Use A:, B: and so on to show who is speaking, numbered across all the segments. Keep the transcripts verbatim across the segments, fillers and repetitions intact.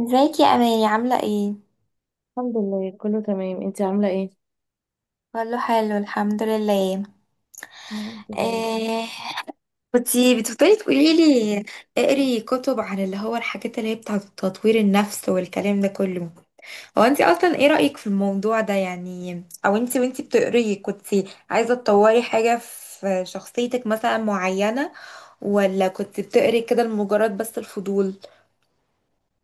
A: ازيك يا اماني، عامله ايه؟
B: الحمد لله كله تمام، انت عاملة ايه؟
A: كله حلو الحمد لله.
B: يا رب دايما.
A: إيه، كنتي بتفضلي تقولي لي اقري كتب عن اللي هو الحاجات اللي هي بتاعه تطوير النفس والكلام ده كله. هو انت اصلا ايه رايك في الموضوع ده، يعني او انت وانت بتقري كنتي عايزه تطوري حاجه في شخصيتك مثلا معينه، ولا كنت بتقري كده لمجرد بس الفضول؟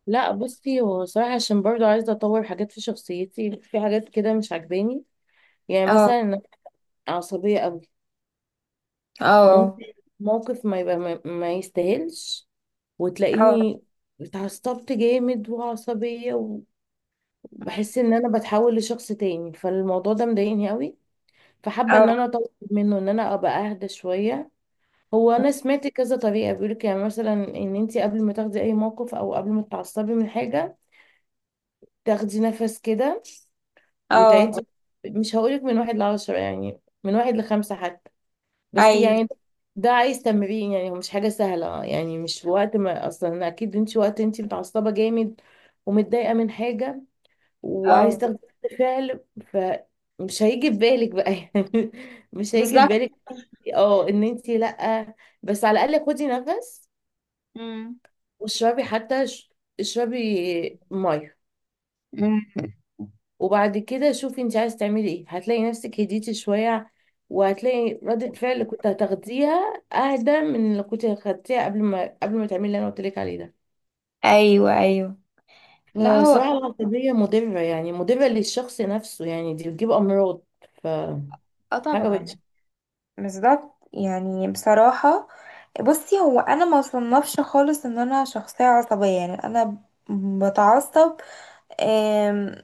B: لا بصي، هو صراحة عشان برضو عايزة اطور حاجات في شخصيتي، في حاجات كده مش عجباني. يعني
A: اه،
B: مثلا انا عصبية قوي،
A: اه،
B: ممكن موقف ما يبقى ما, ما يستاهلش
A: اه،
B: وتلاقيني اتعصبت جامد وعصبية، وبحس ان انا بتحول لشخص تاني، فالموضوع ده مضايقني قوي، فحابة
A: اه،
B: ان انا اطور منه، ان انا ابقى اهدى شوية. هو انا سمعت كذا طريقه، بيقولك يعني مثلا ان انت قبل ما تاخدي اي موقف او قبل ما تتعصبي من حاجه، تاخدي نفس كده
A: اه.
B: وتعدي. مش هقولك من واحد لعشرة، يعني من واحد لخمسة حتى، بس
A: ايوه.
B: يعني ده عايز تمرين. يعني هو مش حاجة سهلة، يعني مش وقت ما، أصلا أكيد انت وقت انت متعصبة جامد ومتضايقة من حاجة وعايز
A: اه.
B: تاخدي رد فعل، فمش هيجي في بالك بقى يعني، مش هيجي في
A: بالظبط.
B: بالك اه ان انت لأ. بس على الأقل خدي نفس واشربي حتى ش- اشربي ميه،
A: مم.
B: وبعد كده شوفي انت عايزه تعملي ايه. هتلاقي نفسك هديتي شويه، وهتلاقي ردة فعل اللي كنت هتاخديها اهدى من اللي كنت خدتيها قبل ما قبل ما تعملي اللي انا قلت لك عليه ده.
A: ايوه، ايوه. لا هو.
B: فصراحه العصبيه مضره، يعني مضره للشخص نفسه، يعني دي بتجيب امراض، فحاجه
A: اه طبعا.
B: وحشه.
A: بالظبط. يعني بصراحه بصي، هو انا ما صنفش خالص ان انا شخصيه عصبيه، يعني انا بتعصب. آم،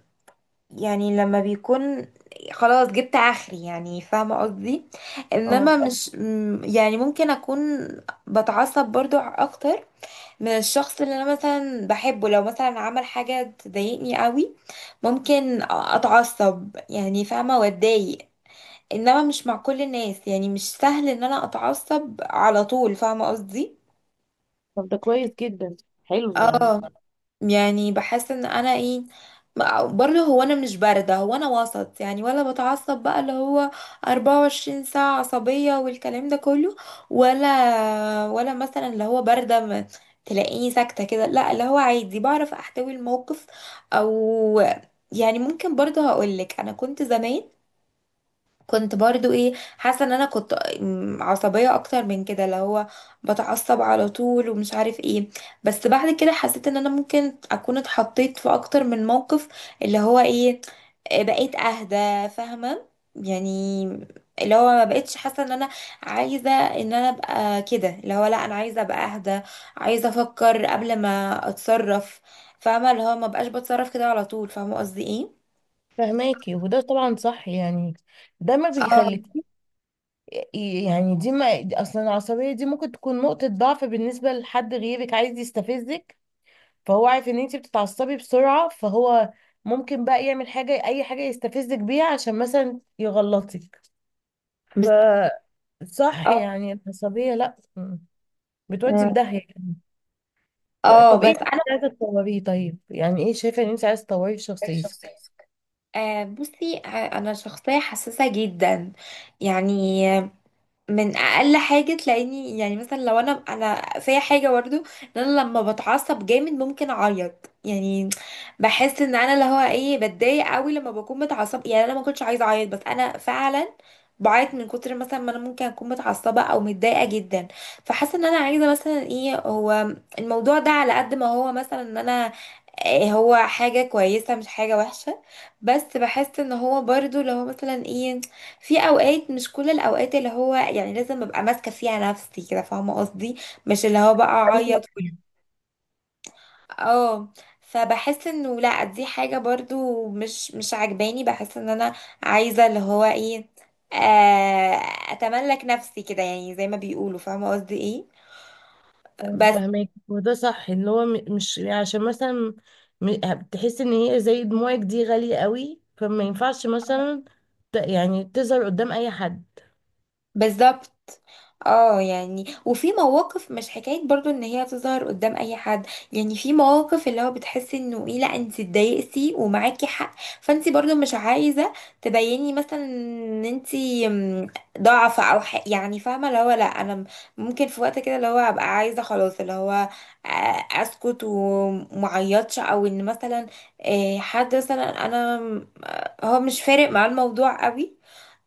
A: يعني لما بيكون خلاص جبت اخري، يعني فاهمه قصدي.
B: اه،
A: انما مش م- يعني ممكن اكون بتعصب برضو اكتر من الشخص اللي انا مثلا بحبه. لو مثلا عمل حاجة تضايقني قوي ممكن اتعصب، يعني فاهمة، واتضايق. انما مش مع كل الناس، يعني مش سهل ان انا اتعصب على طول، فاهمة قصدي.
B: طب ده كويس جدا، حلو يعني.
A: اه. يعني بحس ان انا ايه، برضه هو انا مش بارده، هو انا وسط، يعني ولا بتعصب بقى اللي هو أربعة وعشرين ساعه عصبيه والكلام ده كله، ولا ولا مثلا اللي هو بارده، ما تلاقيني ساكته كده، لا اللي هو عادي بعرف احتوي الموقف. او يعني ممكن برضه هقولك انا كنت زمان، كنت برضو ايه، حاسه ان انا كنت م- عصبيه اكتر من كده، اللي هو بتعصب على طول ومش عارف ايه. بس بعد كده حسيت ان انا ممكن اكون اتحطيت في اكتر من موقف، اللي هو ايه، بقيت اهدى، فاهمه يعني. اللي هو ما بقتش حاسه ان انا عايزه ان انا ابقى كده، اللي هو لا، انا عايزه ابقى اهدى، عايزه افكر قبل ما اتصرف، فاهمه اللي هو ما بقاش بتصرف كده على طول، فاهمه قصدي ايه.
B: فهماكي، وده طبعا صح يعني، ده ما
A: اه.
B: بيخليك. يعني دي ما دي- اصلا العصبيه دي ممكن تكون نقطه ضعف بالنسبه لحد غيرك عايز يستفزك، فهو عارف ان انت بتتعصبي بسرعه، فهو ممكن بقى يعمل حاجه، اي حاجه يستفزك بيها عشان مثلا يغلطك.
A: بالظبط.
B: فصح يعني العصبيه لا م- بتودي
A: اه.
B: في داهيه.
A: اه
B: طب ايه
A: بس.
B: اللي انت عايزه تطوريه؟ طيب يعني ايه شايفه ان انت عايزه تطوريه في
A: ايه
B: شخصيتك؟
A: شخصيتك؟ آه بصي، آه، انا شخصيه حساسه جدا، يعني من اقل حاجه تلاقيني. يعني مثلا لو انا انا فيا حاجه برضو ان انا لما بتعصب جامد ممكن اعيط. يعني بحس ان انا اللي هو ايه، بتضايق قوي لما بكون متعصبه، يعني انا ما كنتش عايزه اعيط بس انا فعلا بعيط من كتر مثلا ما انا ممكن اكون متعصبه او متضايقه جدا. فحاسه ان انا عايزه مثلا ايه هو، الموضوع ده على قد ما هو مثلا ان انا إيه، هو حاجه كويسه مش حاجه وحشه. بس بحس ان هو برضو لو مثلا ايه، في اوقات مش كل الاوقات اللي هو يعني لازم ابقى ماسكه فيها نفسي كده، فاهمه قصدي. مش اللي هو بقى اعيط و- اه. فبحس انه لا، دي حاجه برضو مش مش عاجباني، بحس ان انا عايزه اللي هو ايه، آه، اتملك نفسي كده، يعني زي ما بيقولوا، فاهمه قصدي ايه. بس.
B: فهمك، وده صح ان هو م- مش يعني عشان مثلا، م- بتحس ان هي زي دموعك دي غالية قوي، فما ينفعش مثلا ت- يعني تظهر قدام اي حد.
A: بالظبط. اه يعني، وفي مواقف مش حكاية برضو ان هي تظهر قدام اي حد، يعني في مواقف اللي هو بتحسي انه ايه، لا انت اتضايقتي ومعاكي حق، فانت برضو مش عايزة تبيني مثلا ان انت م- ضعفة او حق، يعني فاهمة اللي هو لا انا م- ممكن في وقت كده اللي هو ابقى عايزة خلاص اللي هو آه، اسكت ومعيطش. او ان مثلا آه، حد مثلا انا م- هو مش فارق معاه الموضوع قوي،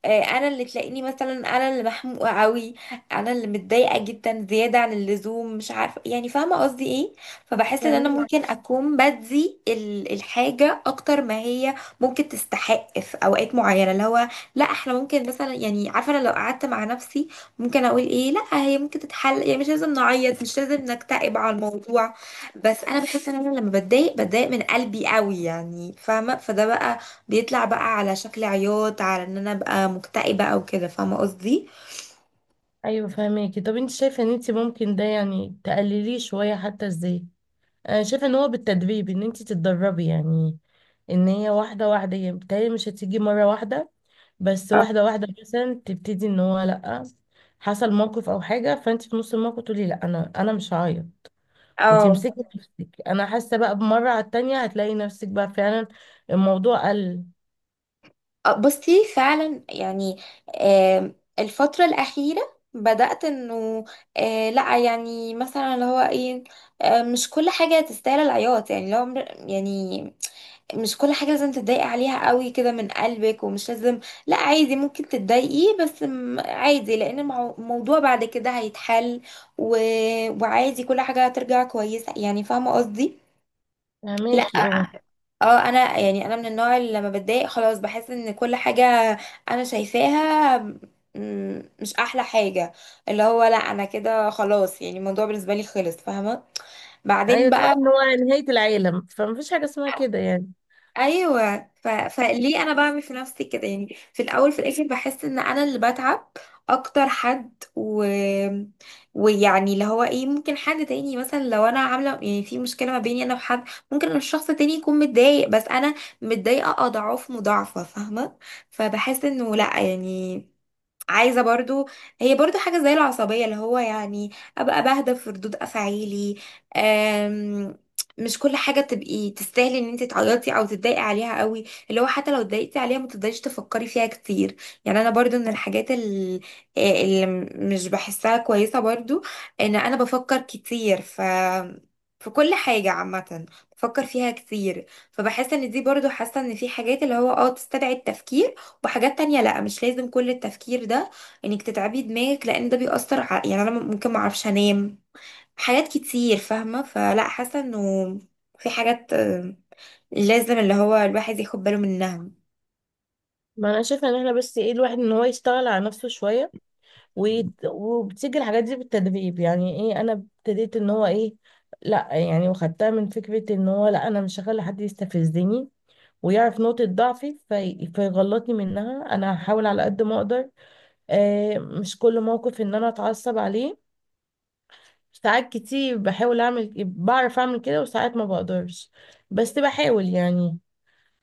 A: آه، انا اللي تلاقيني مثلا، انا اللي محموقه قوي، انا اللي متضايقه جدا زياده عن اللزوم، مش عارفه يعني، فاهمه قصدي ايه. فبحس ان انا
B: فهمك.
A: ممكن اكون بدي ال- الحاجه اكتر ما هي ممكن تستحق في اوقات معينه. اللي هو لا احنا ممكن مثلا، يعني عارفه انا لو قعدت مع نفسي ممكن اقول ايه، لا هي ممكن تتحل، يعني مش لازم نعيط، مش لازم نكتئب على الموضوع. بس انا بحس ان انا لما بتضايق، بتضايق من قلبي قوي، يعني فاهمه، فده بقى بيطلع بقى على شكل عياط، على ان انا ابقى مكتئبة او كده، فاهمة قصدي.
B: ايوه فهمك. طب انت شايفة ان انت ممكن ده يعني تقلليه شوية حتى ازاي؟ انا شايفة ان هو بالتدريب، ان انت تتدربي يعني. ان هي واحدة واحدة، يعني بتهيألي مش هتيجي مرة واحدة، بس
A: اه.
B: واحدة واحدة مثلا تبتدي ان هو لأ، حصل موقف او حاجة فانت في نص الموقف تقولي لأ، انا انا مش هعيط
A: آه.
B: وتمسكي نفسك. انا حاسه بقى بمره على التانية هتلاقي نفسك بقى فعلا الموضوع قل.
A: آه، بصي فعلا يعني. آم، الفترة الأخيرة بدأت انه، آه، لا يعني مثلا اللي هو ايه، آه، مش كل حاجة تستاهل العياط. يعني لو مر- يعني مش كل حاجة لازم تتضايقي عليها قوي كده من قلبك، ومش لازم. لا عادي ممكن تتضايقي، بس م- عادي، لأن المو- الموضوع بعد كده هيتحل، و... وعادي كل حاجة هترجع كويسة، يعني فاهمة قصدي؟ لا.
B: فهماكي اه.
A: اه انا يعني، انا من النوع اللي لما بتضايق خلاص بحس ان كل حاجة انا شايفاها م- مش احلى حاجة. اللي هو لا انا كده خلاص، يعني الموضوع بالنسبة لي خلص، فاهمة، بعدين
B: ايوه،
A: بقى.
B: تحسي ان هو نهايه العالم، فمفيش حاجه اسمها كده يعني.
A: ايوه. ف... فليه انا بعمل في نفسي كده، يعني في الاول في الاخر بحس ان انا اللي بتعب اكتر حد، و... ويعني اللي هو ايه، ممكن حد تاني مثلا لو انا عامله يعني في مشكله ما بيني انا وحد، ممكن الشخص تاني يكون متضايق بس انا متضايقه اضعاف مضاعفه، فاهمه. فبحس انه لا يعني، عايزه برضو، هي برضو حاجه زي العصبيه، اللي هو يعني ابقى بهدى في ردود افعالي. أم، مش كل حاجه تبقي تستاهلي ان انت تعيطي او تتضايقي عليها قوي، اللي هو حتى لو اتضايقتي عليها ما تفضليش تفكري فيها كتير. يعني انا برضو من الحاجات ال- آه، اللي مش بحسها كويسه برضو، ان انا بفكر كتير ف في كل حاجة عامة بفكر فيها كتير. فبحس ان دي برضو، حاسة ان في حاجات اللي هو اه تستدعي التفكير، وحاجات تانية لا مش لازم كل التفكير ده، انك تتعبي دماغك لان ده بيأثر ع... يعني انا ممكن معرفش انام حاجات كتير، فاهمة، فلا حاسة انه في حاجات آه، لازم اللي هو الواحد ياخد باله منها.
B: ما انا شايفه ان احنا بس ايه، الواحد ان هو يشتغل على نفسه شويه، ويد- وبتيجي الحاجات دي بالتدريب. يعني ايه، انا ابتديت ان هو ايه، لا يعني، وخدتها من فكره ان هو لا، انا مش هخلي حد يستفزني ويعرف نقطة ضعفي في... فيغلطني منها. أنا هحاول على قد ما أقدر آه، مش كل موقف إن أنا أتعصب عليه. ساعات كتير بحاول اعمل، بعرف اعمل كده، وساعات ما بقدرش، بس بحاول يعني.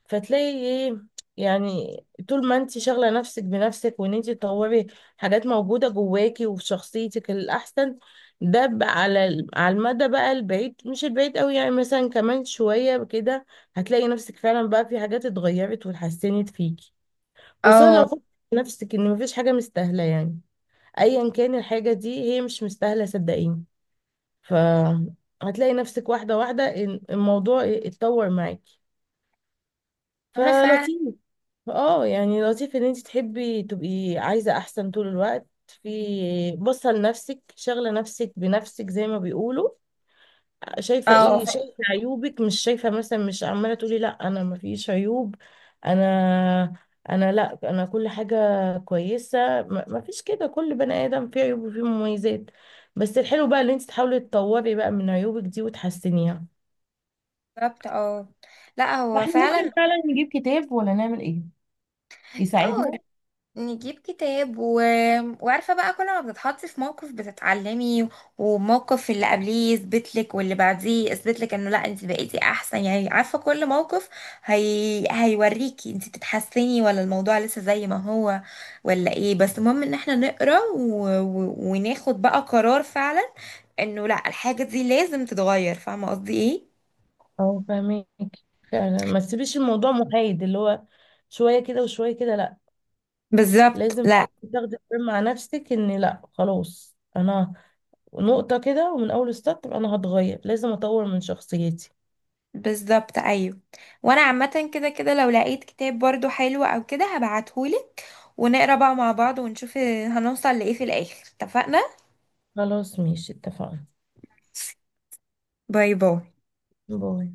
B: فتلاقي ايه يعني، طول ما انت شاغله نفسك بنفسك وان انت تطوري حاجات موجوده جواكي وفي شخصيتك الاحسن، ده ب- على ال- على المدى بقى البعيد، مش البعيد قوي، يعني مثلا كمان شويه كده هتلاقي نفسك فعلا بقى في حاجات اتغيرت واتحسنت فيكي. خصوصا
A: اه
B: لو خدت نفسك ان مفيش حاجه مستاهله يعني، ايا كان الحاجه دي هي مش مستاهله، صدقيني. فهتلاقي نفسك واحدة واحدة إن الموضوع اتطور معاكي،
A: انا فعلا.
B: فلطيف. اه، يعني لطيف ان انت تحبي تبقي عايزة احسن طول الوقت، في باصة لنفسك شاغلة نفسك بنفسك زي ما بيقولوا. شايفة
A: اه
B: ايه، شايفة عيوبك، مش شايفة مثلا، مش عمالة تقولي لا انا ما فيش عيوب، انا انا لا انا، كل حاجة كويسة، ما ما فيش كده. كل بني ادم فيه عيوب وفيه مميزات، بس الحلو بقى ان انت تحاولي تطوري بقى من عيوبك دي وتحسنيها.
A: بالظبط. اه لا
B: ما
A: هو
B: احنا
A: فعلا.
B: ممكن فعلا نجيب كتاب ولا نعمل ايه
A: اه
B: يساعدنا.
A: نجيب كتاب و... وعارفة بقى كل ما بتتحطي في موقف بتتعلمي، وموقف اللي قبليه يثبت لك واللي بعديه يثبت لك انه لا انت بقيتي احسن. يعني عارفة، كل موقف هي... هيوريكي انت بتتحسني ولا الموضوع لسه زي ما هو، ولا ايه. بس المهم ان احنا نقرا و... و... وناخد بقى قرار فعلا انه لا، الحاجة دي لازم تتغير، فاهمة قصدي ايه.
B: اه فاهمك، فعلا ما تسيبيش الموضوع محايد، اللي هو شوية كده وشوية كده، لا،
A: بالظبط
B: لازم
A: لا.
B: فعلاً تاخدي قرار مع نفسك ان لا خلاص، انا نقطة كده ومن اول ستارت انا هتغير، لازم اطور من شخصيتي.
A: بالظبط ايوه. وانا عامة كده كده لو لقيت كتاب برضو حلو او كده هبعتهولك، ونقرا بقى مع بعض ونشوف هنوصل لإيه في الآخر، اتفقنا.
B: خلاص ماشي، اتفقنا.
A: باي باي.
B: باي.